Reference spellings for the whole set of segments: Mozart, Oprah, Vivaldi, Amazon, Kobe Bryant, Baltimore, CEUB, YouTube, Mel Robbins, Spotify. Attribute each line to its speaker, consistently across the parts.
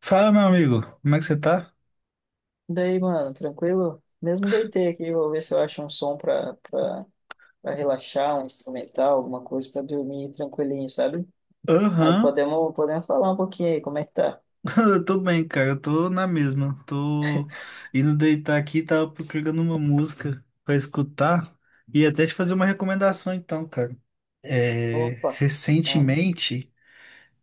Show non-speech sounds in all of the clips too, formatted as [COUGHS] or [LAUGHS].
Speaker 1: Fala, meu amigo, como é que você tá?
Speaker 2: Daí, mano, tranquilo? Mesmo deitei aqui, vou ver se eu acho um som pra relaxar, um instrumental, alguma coisa pra dormir tranquilinho, sabe? Mas
Speaker 1: Aham.
Speaker 2: podemos falar um pouquinho aí, como é que tá?
Speaker 1: [LAUGHS] Eu tô bem, cara, eu tô na mesma. Tô indo deitar aqui, tava procurando uma música pra escutar e até te fazer uma recomendação então, cara. É,
Speaker 2: Opa! Ah,
Speaker 1: recentemente,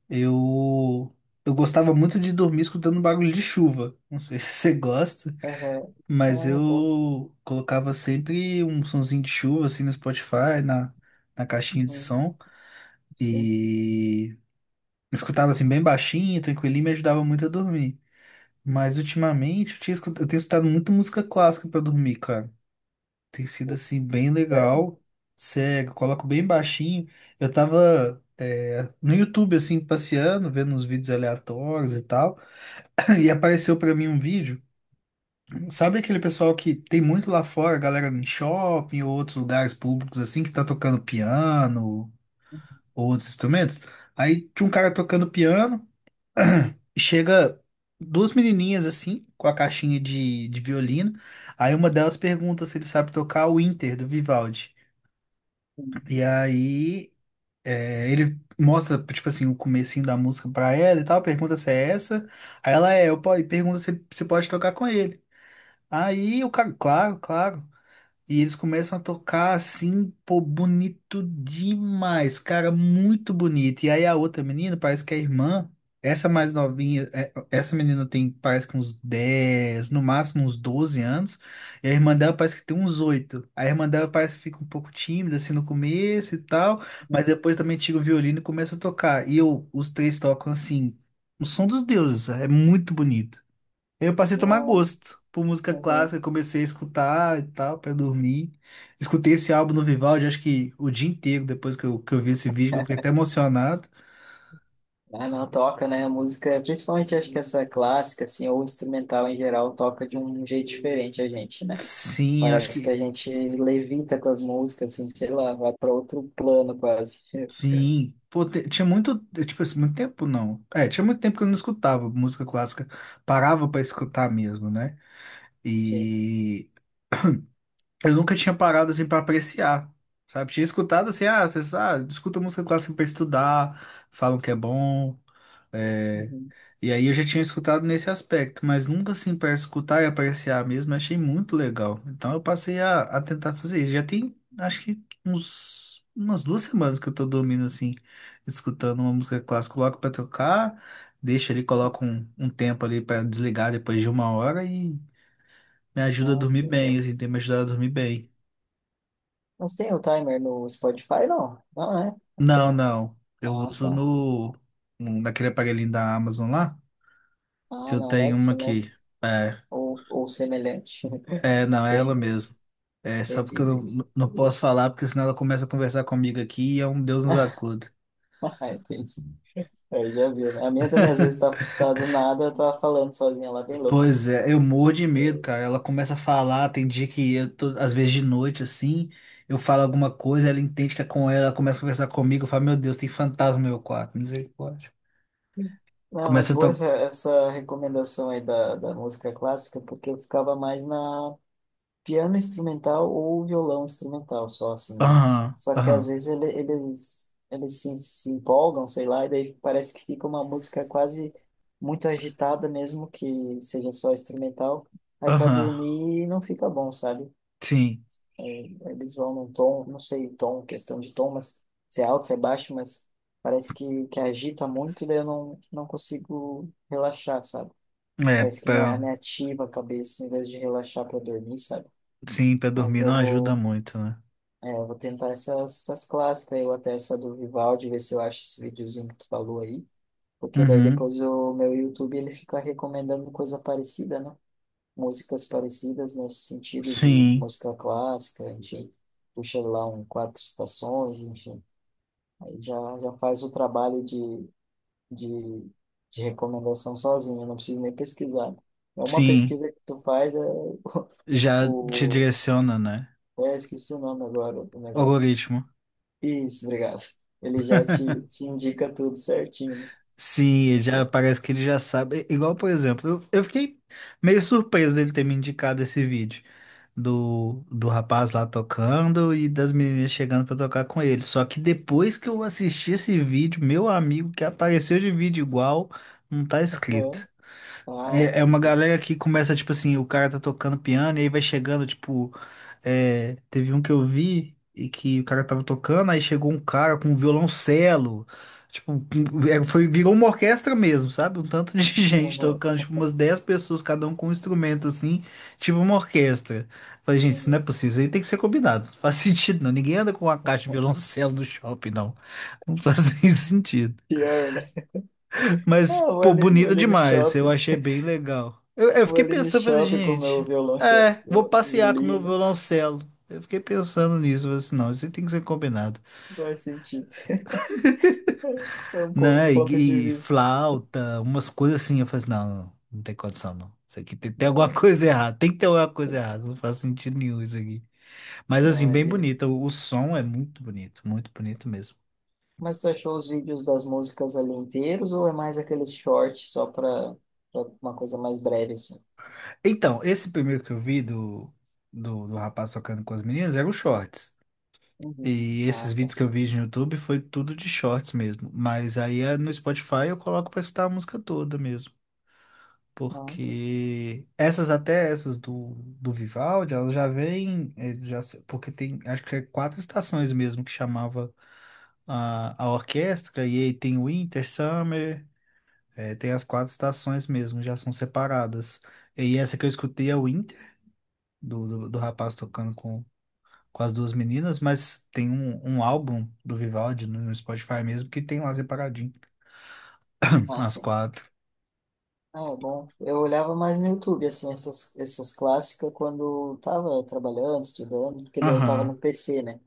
Speaker 1: eu eu gostava muito de dormir escutando barulho de chuva. Não sei [LAUGHS] se você gosta,
Speaker 2: aham.
Speaker 1: mas
Speaker 2: Ah, boa.
Speaker 1: eu colocava sempre um sonzinho de chuva assim no Spotify, na caixinha de
Speaker 2: Uhum.
Speaker 1: som.
Speaker 2: Sim.
Speaker 1: E escutava assim bem baixinho, tranquilinho, me ajudava muito a dormir. Mas ultimamente eu tenho escutado muita música clássica pra dormir, cara. Tem sido assim bem
Speaker 2: Sério?
Speaker 1: legal. Cego, coloco bem baixinho. Eu tava no YouTube assim passeando, vendo uns vídeos aleatórios e tal, [COUGHS] [CLEARS THROAT] e apareceu pra mim um vídeo. Sabe aquele pessoal que tem muito lá fora, a galera em shopping ou outros lugares públicos assim que tá tocando piano ou outros instrumentos? Aí tinha um cara tocando piano, chega duas menininhas assim, com a caixinha de violino. Aí uma delas pergunta se ele sabe tocar o Inter do Vivaldi.
Speaker 2: Uhum.
Speaker 1: E aí ele mostra, tipo assim, o comecinho da música pra ela e tal, pergunta se é essa. Aí ela e pergunta se, se pode tocar com ele. Aí o cara, claro, claro. E eles começam a tocar assim, pô, bonito demais, cara, muito bonito. E aí a outra menina, parece que a irmã, essa mais novinha, é, essa menina tem, parece que uns 10, no máximo uns 12 anos, e a irmã dela parece que tem uns 8. A irmã dela parece que fica um pouco tímida assim no começo e tal, mas depois também tira o violino e começa a tocar. E eu, os três tocam assim, o som dos deuses, é muito bonito. Eu passei a tomar
Speaker 2: Bom.
Speaker 1: gosto por música
Speaker 2: Uhum.
Speaker 1: clássica, comecei a escutar e tal, pra dormir. Escutei esse álbum no Vivaldi, acho que o dia inteiro, depois que eu vi esse vídeo, eu fiquei até emocionado.
Speaker 2: Ah, não, toca, né? A música, principalmente acho que essa clássica, assim, ou instrumental em geral, toca de um jeito diferente a gente, né?
Speaker 1: Sim, acho
Speaker 2: Parece que a
Speaker 1: que.
Speaker 2: gente levita com as músicas, assim, sei lá, vai para outro plano quase. [LAUGHS]
Speaker 1: Sim. Pô, tinha muito. Tipo assim, muito tempo não. É, tinha muito tempo que eu não escutava música clássica. Parava pra escutar mesmo, né?
Speaker 2: Sim.
Speaker 1: E eu nunca tinha parado assim pra apreciar. Sabe? Tinha escutado assim, ah, as pessoas, ah, escuta música clássica pra estudar, falam que é bom. eh,
Speaker 2: Uhum.
Speaker 1: E aí eu já tinha escutado nesse aspecto, mas nunca assim para escutar e apreciar mesmo, eu achei muito legal. Então eu passei a tentar fazer isso. Já tem, acho que umas 2 semanas que eu tô dormindo assim, escutando uma música clássica, coloco para tocar, deixo ali, coloco um tempo ali para desligar depois de 1 hora e me ajuda a dormir
Speaker 2: Nossa,
Speaker 1: bem, assim, tem me ajudado a dormir bem.
Speaker 2: mas tem o timer no Spotify, não? Não, né? Tem.
Speaker 1: Não, não. Eu
Speaker 2: Ah,
Speaker 1: uso
Speaker 2: tá.
Speaker 1: no, naquele aparelhinho da Amazon lá, que
Speaker 2: Ah,
Speaker 1: eu
Speaker 2: na
Speaker 1: tenho uma
Speaker 2: Alexa
Speaker 1: aqui.
Speaker 2: mesmo.
Speaker 1: É,
Speaker 2: Ou semelhante. [LAUGHS]
Speaker 1: não, é ela
Speaker 2: Entendi,
Speaker 1: mesmo. É, só
Speaker 2: entendi,
Speaker 1: porque eu
Speaker 2: entendi.
Speaker 1: não posso falar, porque senão ela começa a conversar comigo aqui e é um Deus nos acuda.
Speaker 2: [LAUGHS] Ah, entendi. Aí já viu, né? A minha também às vezes tá do nada, tá falando sozinha lá, bem louca.
Speaker 1: Pois é, eu morro de medo, cara. Ela começa a falar, tem dia que eu tô, às vezes de noite assim, eu falo alguma coisa, ela entende que é com ela, ela começa a conversar comigo, eu falo, meu Deus, tem fantasma no meu quarto, misericórdia.
Speaker 2: Não, mas
Speaker 1: Começa a
Speaker 2: boa essa,
Speaker 1: tocar.
Speaker 2: essa recomendação aí da música clássica, porque eu ficava mais na piano instrumental ou violão instrumental, só assim, né?
Speaker 1: Aham,
Speaker 2: Só que
Speaker 1: aham,
Speaker 2: às vezes eles se empolgam, sei lá, e daí parece que fica uma música quase muito agitada, mesmo que seja só instrumental. Aí para
Speaker 1: aham.
Speaker 2: dormir não fica bom, sabe?
Speaker 1: Sim.
Speaker 2: É, eles vão num tom, não sei, tom, questão de tom, mas se é alto, se é baixo, mas parece que agita muito, daí eu não consigo relaxar, sabe?
Speaker 1: É,
Speaker 2: Parece que me, me ativa a cabeça em vez de relaxar para dormir, sabe?
Speaker 1: sim, pra
Speaker 2: Mas
Speaker 1: dormir
Speaker 2: eu
Speaker 1: não ajuda
Speaker 2: vou.
Speaker 1: muito, né?
Speaker 2: É, eu vou tentar essas clássicas, eu até essa do Vivaldi, ver se eu acho esse videozinho que tu falou aí, porque daí
Speaker 1: Uhum.
Speaker 2: depois o meu YouTube ele fica recomendando coisa parecida, né? Músicas parecidas nesse sentido de
Speaker 1: Sim,
Speaker 2: música clássica, enfim, puxa lá um quatro estações, enfim, aí já faz o trabalho de, de recomendação sozinho, eu não preciso nem pesquisar. É uma
Speaker 1: sim.
Speaker 2: pesquisa que tu faz, é, [LAUGHS]
Speaker 1: Já te
Speaker 2: o,
Speaker 1: direciona, né?
Speaker 2: esqueci o nome agora do negócio.
Speaker 1: Algoritmo.
Speaker 2: Isso, obrigado. Ele já te,
Speaker 1: [LAUGHS]
Speaker 2: te indica tudo certinho,
Speaker 1: Sim,
Speaker 2: né?
Speaker 1: ele já
Speaker 2: Pô,
Speaker 1: parece que ele já sabe. Igual, por exemplo, eu fiquei meio surpreso dele ter me indicado esse vídeo do rapaz lá tocando e das meninas chegando pra tocar com ele. Só que depois que eu assisti esse vídeo, meu amigo que apareceu de vídeo igual, não tá
Speaker 2: aham.
Speaker 1: escrito.
Speaker 2: Ah,
Speaker 1: É uma
Speaker 2: acredito.
Speaker 1: galera que começa, tipo assim, o cara tá tocando piano e aí vai chegando, tipo. É, teve um que eu vi e que o cara tava tocando, aí chegou um cara com um violoncelo. Tipo,
Speaker 2: Uhum.
Speaker 1: é, foi, virou uma orquestra mesmo, sabe? Um tanto de [LAUGHS] gente
Speaker 2: Aham,
Speaker 1: tocando, tipo, umas 10 pessoas, cada um com um instrumento, assim, tipo uma orquestra. Falei, gente, isso
Speaker 2: aham.
Speaker 1: não é possível, isso aí tem que ser combinado. [LAUGHS] Não faz sentido, não. Ninguém anda com uma caixa de violoncelo no shopping, não. Não faz [LAUGHS] nem sentido.
Speaker 2: Pior, né? Ah,
Speaker 1: Mas, pô,
Speaker 2: vou
Speaker 1: bonita
Speaker 2: ali no
Speaker 1: demais. Eu
Speaker 2: shopping.
Speaker 1: achei bem
Speaker 2: [LAUGHS]
Speaker 1: legal. Eu
Speaker 2: Vou
Speaker 1: fiquei
Speaker 2: ali no
Speaker 1: pensando, falei assim,
Speaker 2: shopping com o meu
Speaker 1: gente, é, vou passear com meu
Speaker 2: violino.
Speaker 1: violoncelo. Eu fiquei pensando nisso, falei assim, não, isso tem que ser combinado.
Speaker 2: Não faz sentido. [LAUGHS] É um, um
Speaker 1: Né?
Speaker 2: ponto de
Speaker 1: E
Speaker 2: vista.
Speaker 1: flauta, umas coisas assim. Eu falei assim, não, não, não tem condição, não. Isso aqui tem, tem alguma [LAUGHS]
Speaker 2: Não,
Speaker 1: coisa errada, tem que ter alguma coisa errada, não faz sentido nenhum isso aqui. Mas assim,
Speaker 2: não,
Speaker 1: bem
Speaker 2: e-
Speaker 1: bonita, o som é muito bonito mesmo.
Speaker 2: Mas tu achou os vídeos das músicas ali inteiros ou é mais aqueles shorts só para uma coisa mais breve, assim?
Speaker 1: Então, esse primeiro que eu vi do rapaz tocando com as meninas era o Shorts.
Speaker 2: Uhum.
Speaker 1: E esses
Speaker 2: Ah, tá.
Speaker 1: vídeos que eu vi no YouTube foi tudo de shorts mesmo. Mas aí no Spotify eu coloco pra escutar a música toda mesmo.
Speaker 2: Ah,
Speaker 1: Porque essas até essas do Vivaldi, elas já vêm, já, porque tem, acho que é quatro estações mesmo que chamava a orquestra, e aí tem Winter, Summer, tem as quatro estações mesmo, já são separadas. E essa que eu escutei é o Winter, do rapaz tocando com as duas meninas, mas tem um
Speaker 2: tá.
Speaker 1: álbum do Vivaldi no Spotify mesmo que tem lá separadinho.
Speaker 2: Ah,
Speaker 1: As
Speaker 2: sim.
Speaker 1: quatro.
Speaker 2: Ah, é bom. Eu olhava mais no YouTube, assim, essas clássicas quando eu tava trabalhando, estudando, porque daí eu tava
Speaker 1: Aham,
Speaker 2: no PC, né?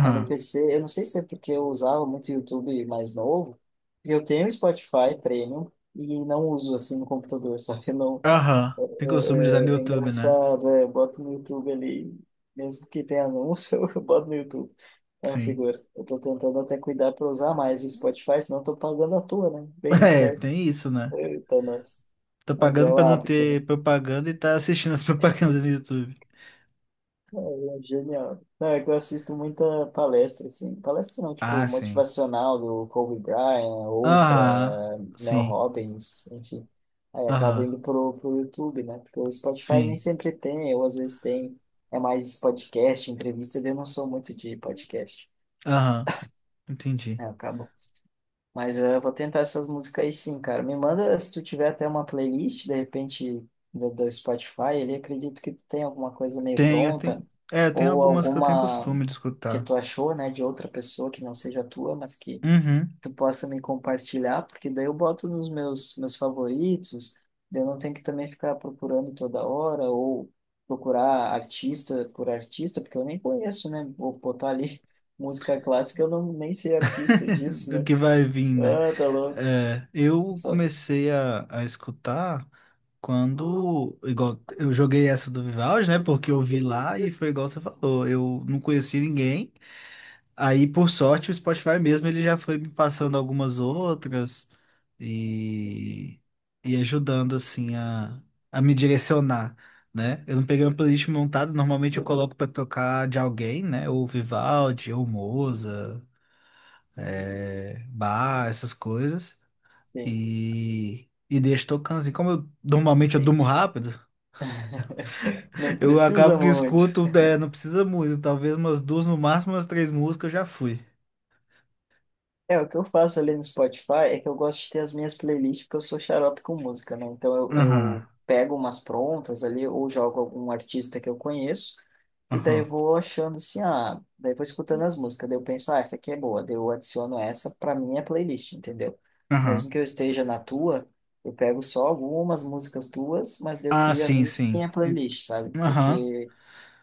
Speaker 2: Aí no PC, eu não sei se é porque eu usava muito YouTube mais novo, porque eu tenho Spotify Premium e não uso, assim, no computador, [LAUGHS] sabe? Eu
Speaker 1: aham. Tem
Speaker 2: não,
Speaker 1: costume de usar no
Speaker 2: é, é
Speaker 1: YouTube, né?
Speaker 2: engraçado, é, eu boto no YouTube ali, mesmo que tenha anúncio, [LAUGHS] eu boto no YouTube. É uma
Speaker 1: Sim.
Speaker 2: figura. Eu tô tentando até cuidar pra usar mais o Spotify, senão eu tô pagando à toa, né?
Speaker 1: [LAUGHS]
Speaker 2: Bem
Speaker 1: É,
Speaker 2: esperto.
Speaker 1: tem isso, né?
Speaker 2: Eita, nossa.
Speaker 1: Tô
Speaker 2: Mas
Speaker 1: pagando
Speaker 2: é o
Speaker 1: pra não
Speaker 2: hábito, né?
Speaker 1: ter propaganda e tá assistindo as [LAUGHS] propagandas no YouTube.
Speaker 2: É genial. Não, é que eu assisto muita palestra, assim. Palestra não, tipo,
Speaker 1: Ah, sim.
Speaker 2: motivacional do Kobe Bryant,
Speaker 1: Aham,
Speaker 2: Oprah, Mel
Speaker 1: sim.
Speaker 2: Robbins, enfim. Aí acabo
Speaker 1: Aham,
Speaker 2: indo pro YouTube, né? Porque o Spotify nem
Speaker 1: sim.
Speaker 2: sempre tem, ou às vezes tem. É mais podcast, entrevista, eu não sou muito de podcast.
Speaker 1: Aham, entendi.
Speaker 2: É, acabou. Mas eu vou tentar essas músicas aí sim, cara. Me manda se tu tiver até uma playlist, de repente, do Spotify, ele acredito que tu tem alguma coisa meio
Speaker 1: Tenho,
Speaker 2: pronta
Speaker 1: tem, é, tem
Speaker 2: ou
Speaker 1: algumas que eu tenho
Speaker 2: alguma
Speaker 1: costume de
Speaker 2: que
Speaker 1: escutar.
Speaker 2: tu achou, né, de outra pessoa que não seja tua, mas que
Speaker 1: Uhum.
Speaker 2: tu possa me compartilhar, porque daí eu boto nos meus meus favoritos, daí eu não tenho que também ficar procurando toda hora ou procurar artista por artista, porque eu nem conheço, né? Vou botar ali [LAUGHS] música clássica, eu não nem sei artista
Speaker 1: [LAUGHS]
Speaker 2: disso,
Speaker 1: Do
Speaker 2: né?
Speaker 1: que vai vir, né?
Speaker 2: Ah, tá louco.
Speaker 1: É, eu
Speaker 2: Só
Speaker 1: comecei a escutar quando, igual, eu joguei essa do Vivaldi, né? Porque eu vi lá e foi igual você falou, eu não conheci ninguém. Aí, por sorte, o Spotify mesmo, ele já foi me passando algumas outras
Speaker 2: sim,
Speaker 1: e, e ajudando, assim, a me direcionar, né? Eu não peguei uma playlist montada, normalmente eu coloco pra tocar de alguém, né? Ou Vivaldi, ou Moza, é, bar, essas coisas. E deixo tocando assim. Como eu normalmente eu durmo
Speaker 2: entendi.
Speaker 1: rápido,
Speaker 2: Não
Speaker 1: [LAUGHS] eu
Speaker 2: precisa
Speaker 1: acabo que
Speaker 2: muito.
Speaker 1: escuto, é, não precisa muito, talvez umas duas, no máximo umas três músicas eu já fui.
Speaker 2: É, o que eu faço ali no Spotify é que eu gosto de ter as minhas playlists, porque eu sou xarope com música, né? Então eu,
Speaker 1: Aham,
Speaker 2: eu pego umas prontas ali, ou jogo algum artista que eu conheço, e daí eu
Speaker 1: aham,
Speaker 2: vou achando assim, ah, daí vou escutando as músicas, daí eu penso, ah, essa aqui é boa, daí eu adiciono essa pra minha playlist, entendeu? Mesmo
Speaker 1: aham.
Speaker 2: que eu esteja na tua, eu pego só algumas músicas tuas, mas daí eu
Speaker 1: Ah,
Speaker 2: crio a
Speaker 1: sim,
Speaker 2: minha
Speaker 1: sim.
Speaker 2: minha playlist, sabe?
Speaker 1: Aham.
Speaker 2: Porque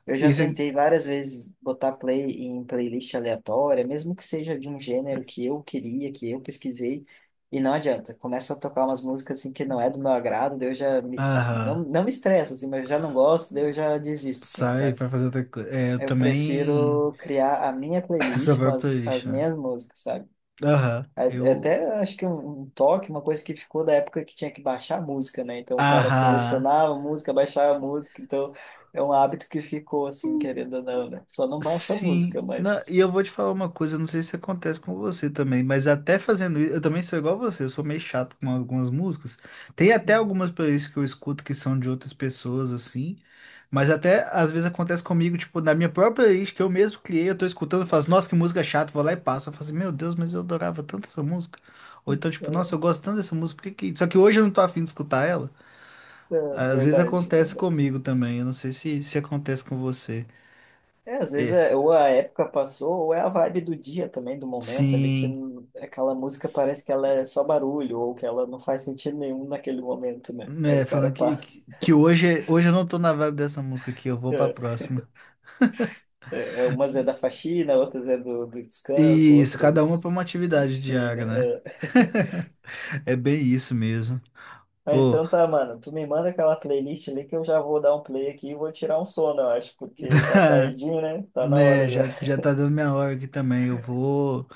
Speaker 2: eu já
Speaker 1: Isso é.
Speaker 2: tentei várias vezes botar play em playlist aleatória, mesmo que seja de um gênero que eu queria, que eu pesquisei, e não adianta. Começa a tocar umas músicas assim que não é do meu agrado, daí eu já não,
Speaker 1: Aham.
Speaker 2: não me estresso, assim, mas eu já não gosto, daí eu já desisto, assim,
Speaker 1: Sai,
Speaker 2: sabe?
Speaker 1: vai fazer outra coisa. É, eu
Speaker 2: Eu
Speaker 1: também.
Speaker 2: prefiro criar a minha
Speaker 1: [LAUGHS] Essa
Speaker 2: playlist com
Speaker 1: própria
Speaker 2: as,
Speaker 1: playlist,
Speaker 2: as
Speaker 1: né?
Speaker 2: minhas músicas, sabe?
Speaker 1: Aham. Eu.
Speaker 2: Até acho que um toque, uma coisa que ficou da época que tinha que baixar a música, né? Então o cara
Speaker 1: Aham.
Speaker 2: selecionava a música, baixava a música, então é um hábito que ficou assim, querendo ou não, né? Só não baixa a
Speaker 1: Sim,
Speaker 2: música, mas.
Speaker 1: E eu vou te falar uma coisa, não sei se acontece com você também, mas até fazendo isso, eu também sou igual você, eu sou meio chato com algumas músicas. Tem até
Speaker 2: Hum.
Speaker 1: algumas playlists que eu escuto que são de outras pessoas, assim, mas até às vezes acontece comigo, tipo, na minha própria playlist que eu mesmo criei, eu tô escutando, eu faço, nossa, que música chata, vou lá e passo. Eu falo assim, meu Deus, mas eu adorava tanto essa música. Ou então, tipo, nossa, eu gosto tanto dessa música, por que que... Só que hoje eu não tô afim de escutar ela.
Speaker 2: É,
Speaker 1: Às vezes
Speaker 2: verdade, é
Speaker 1: acontece
Speaker 2: verdade.
Speaker 1: comigo também, eu não sei se, se acontece com você.
Speaker 2: É, às vezes
Speaker 1: É.
Speaker 2: é, ou a época passou, ou é a vibe do dia também, do momento ali, que
Speaker 1: Sim.
Speaker 2: aquela música parece que ela é só barulho, ou que ela não faz sentido nenhum naquele momento, né? Aí
Speaker 1: É,
Speaker 2: o cara
Speaker 1: falando
Speaker 2: passa.
Speaker 1: que hoje, hoje eu não tô na vibe dessa música aqui, eu vou pra
Speaker 2: É.
Speaker 1: próxima.
Speaker 2: É, é, umas é da faxina, outras é do descanso,
Speaker 1: E isso, cada uma pra uma
Speaker 2: outras.
Speaker 1: atividade
Speaker 2: Enfim, né?
Speaker 1: diária, né?
Speaker 2: É.
Speaker 1: [LAUGHS] É bem isso mesmo.
Speaker 2: Ah,
Speaker 1: Ô,
Speaker 2: então tá, mano. Tu me manda aquela playlist ali que eu já vou dar um play aqui e vou tirar um sono, eu acho, porque tá
Speaker 1: [LAUGHS]
Speaker 2: tardinho, né? Tá na
Speaker 1: né,
Speaker 2: hora já.
Speaker 1: já, já tá dando minha hora aqui também. Eu vou,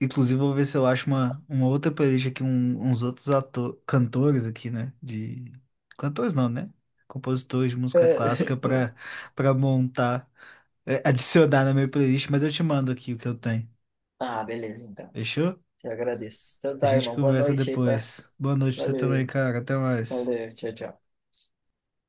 Speaker 1: inclusive, vou ver se eu acho uma, outra playlist aqui, uns outros ator, cantores aqui, né? De cantores não, né? Compositores de música clássica
Speaker 2: [LAUGHS]
Speaker 1: pra para montar, é, adicionar na minha playlist, mas eu te mando aqui o que eu tenho.
Speaker 2: Ah, beleza, então.
Speaker 1: Fechou?
Speaker 2: Te agradeço. Então
Speaker 1: A
Speaker 2: tá,
Speaker 1: gente
Speaker 2: irmão. Boa
Speaker 1: conversa
Speaker 2: noite aí, tá?
Speaker 1: depois. Boa noite pra você também,
Speaker 2: Valeu,
Speaker 1: cara. Até mais.
Speaker 2: valeu. Tchau, tchau.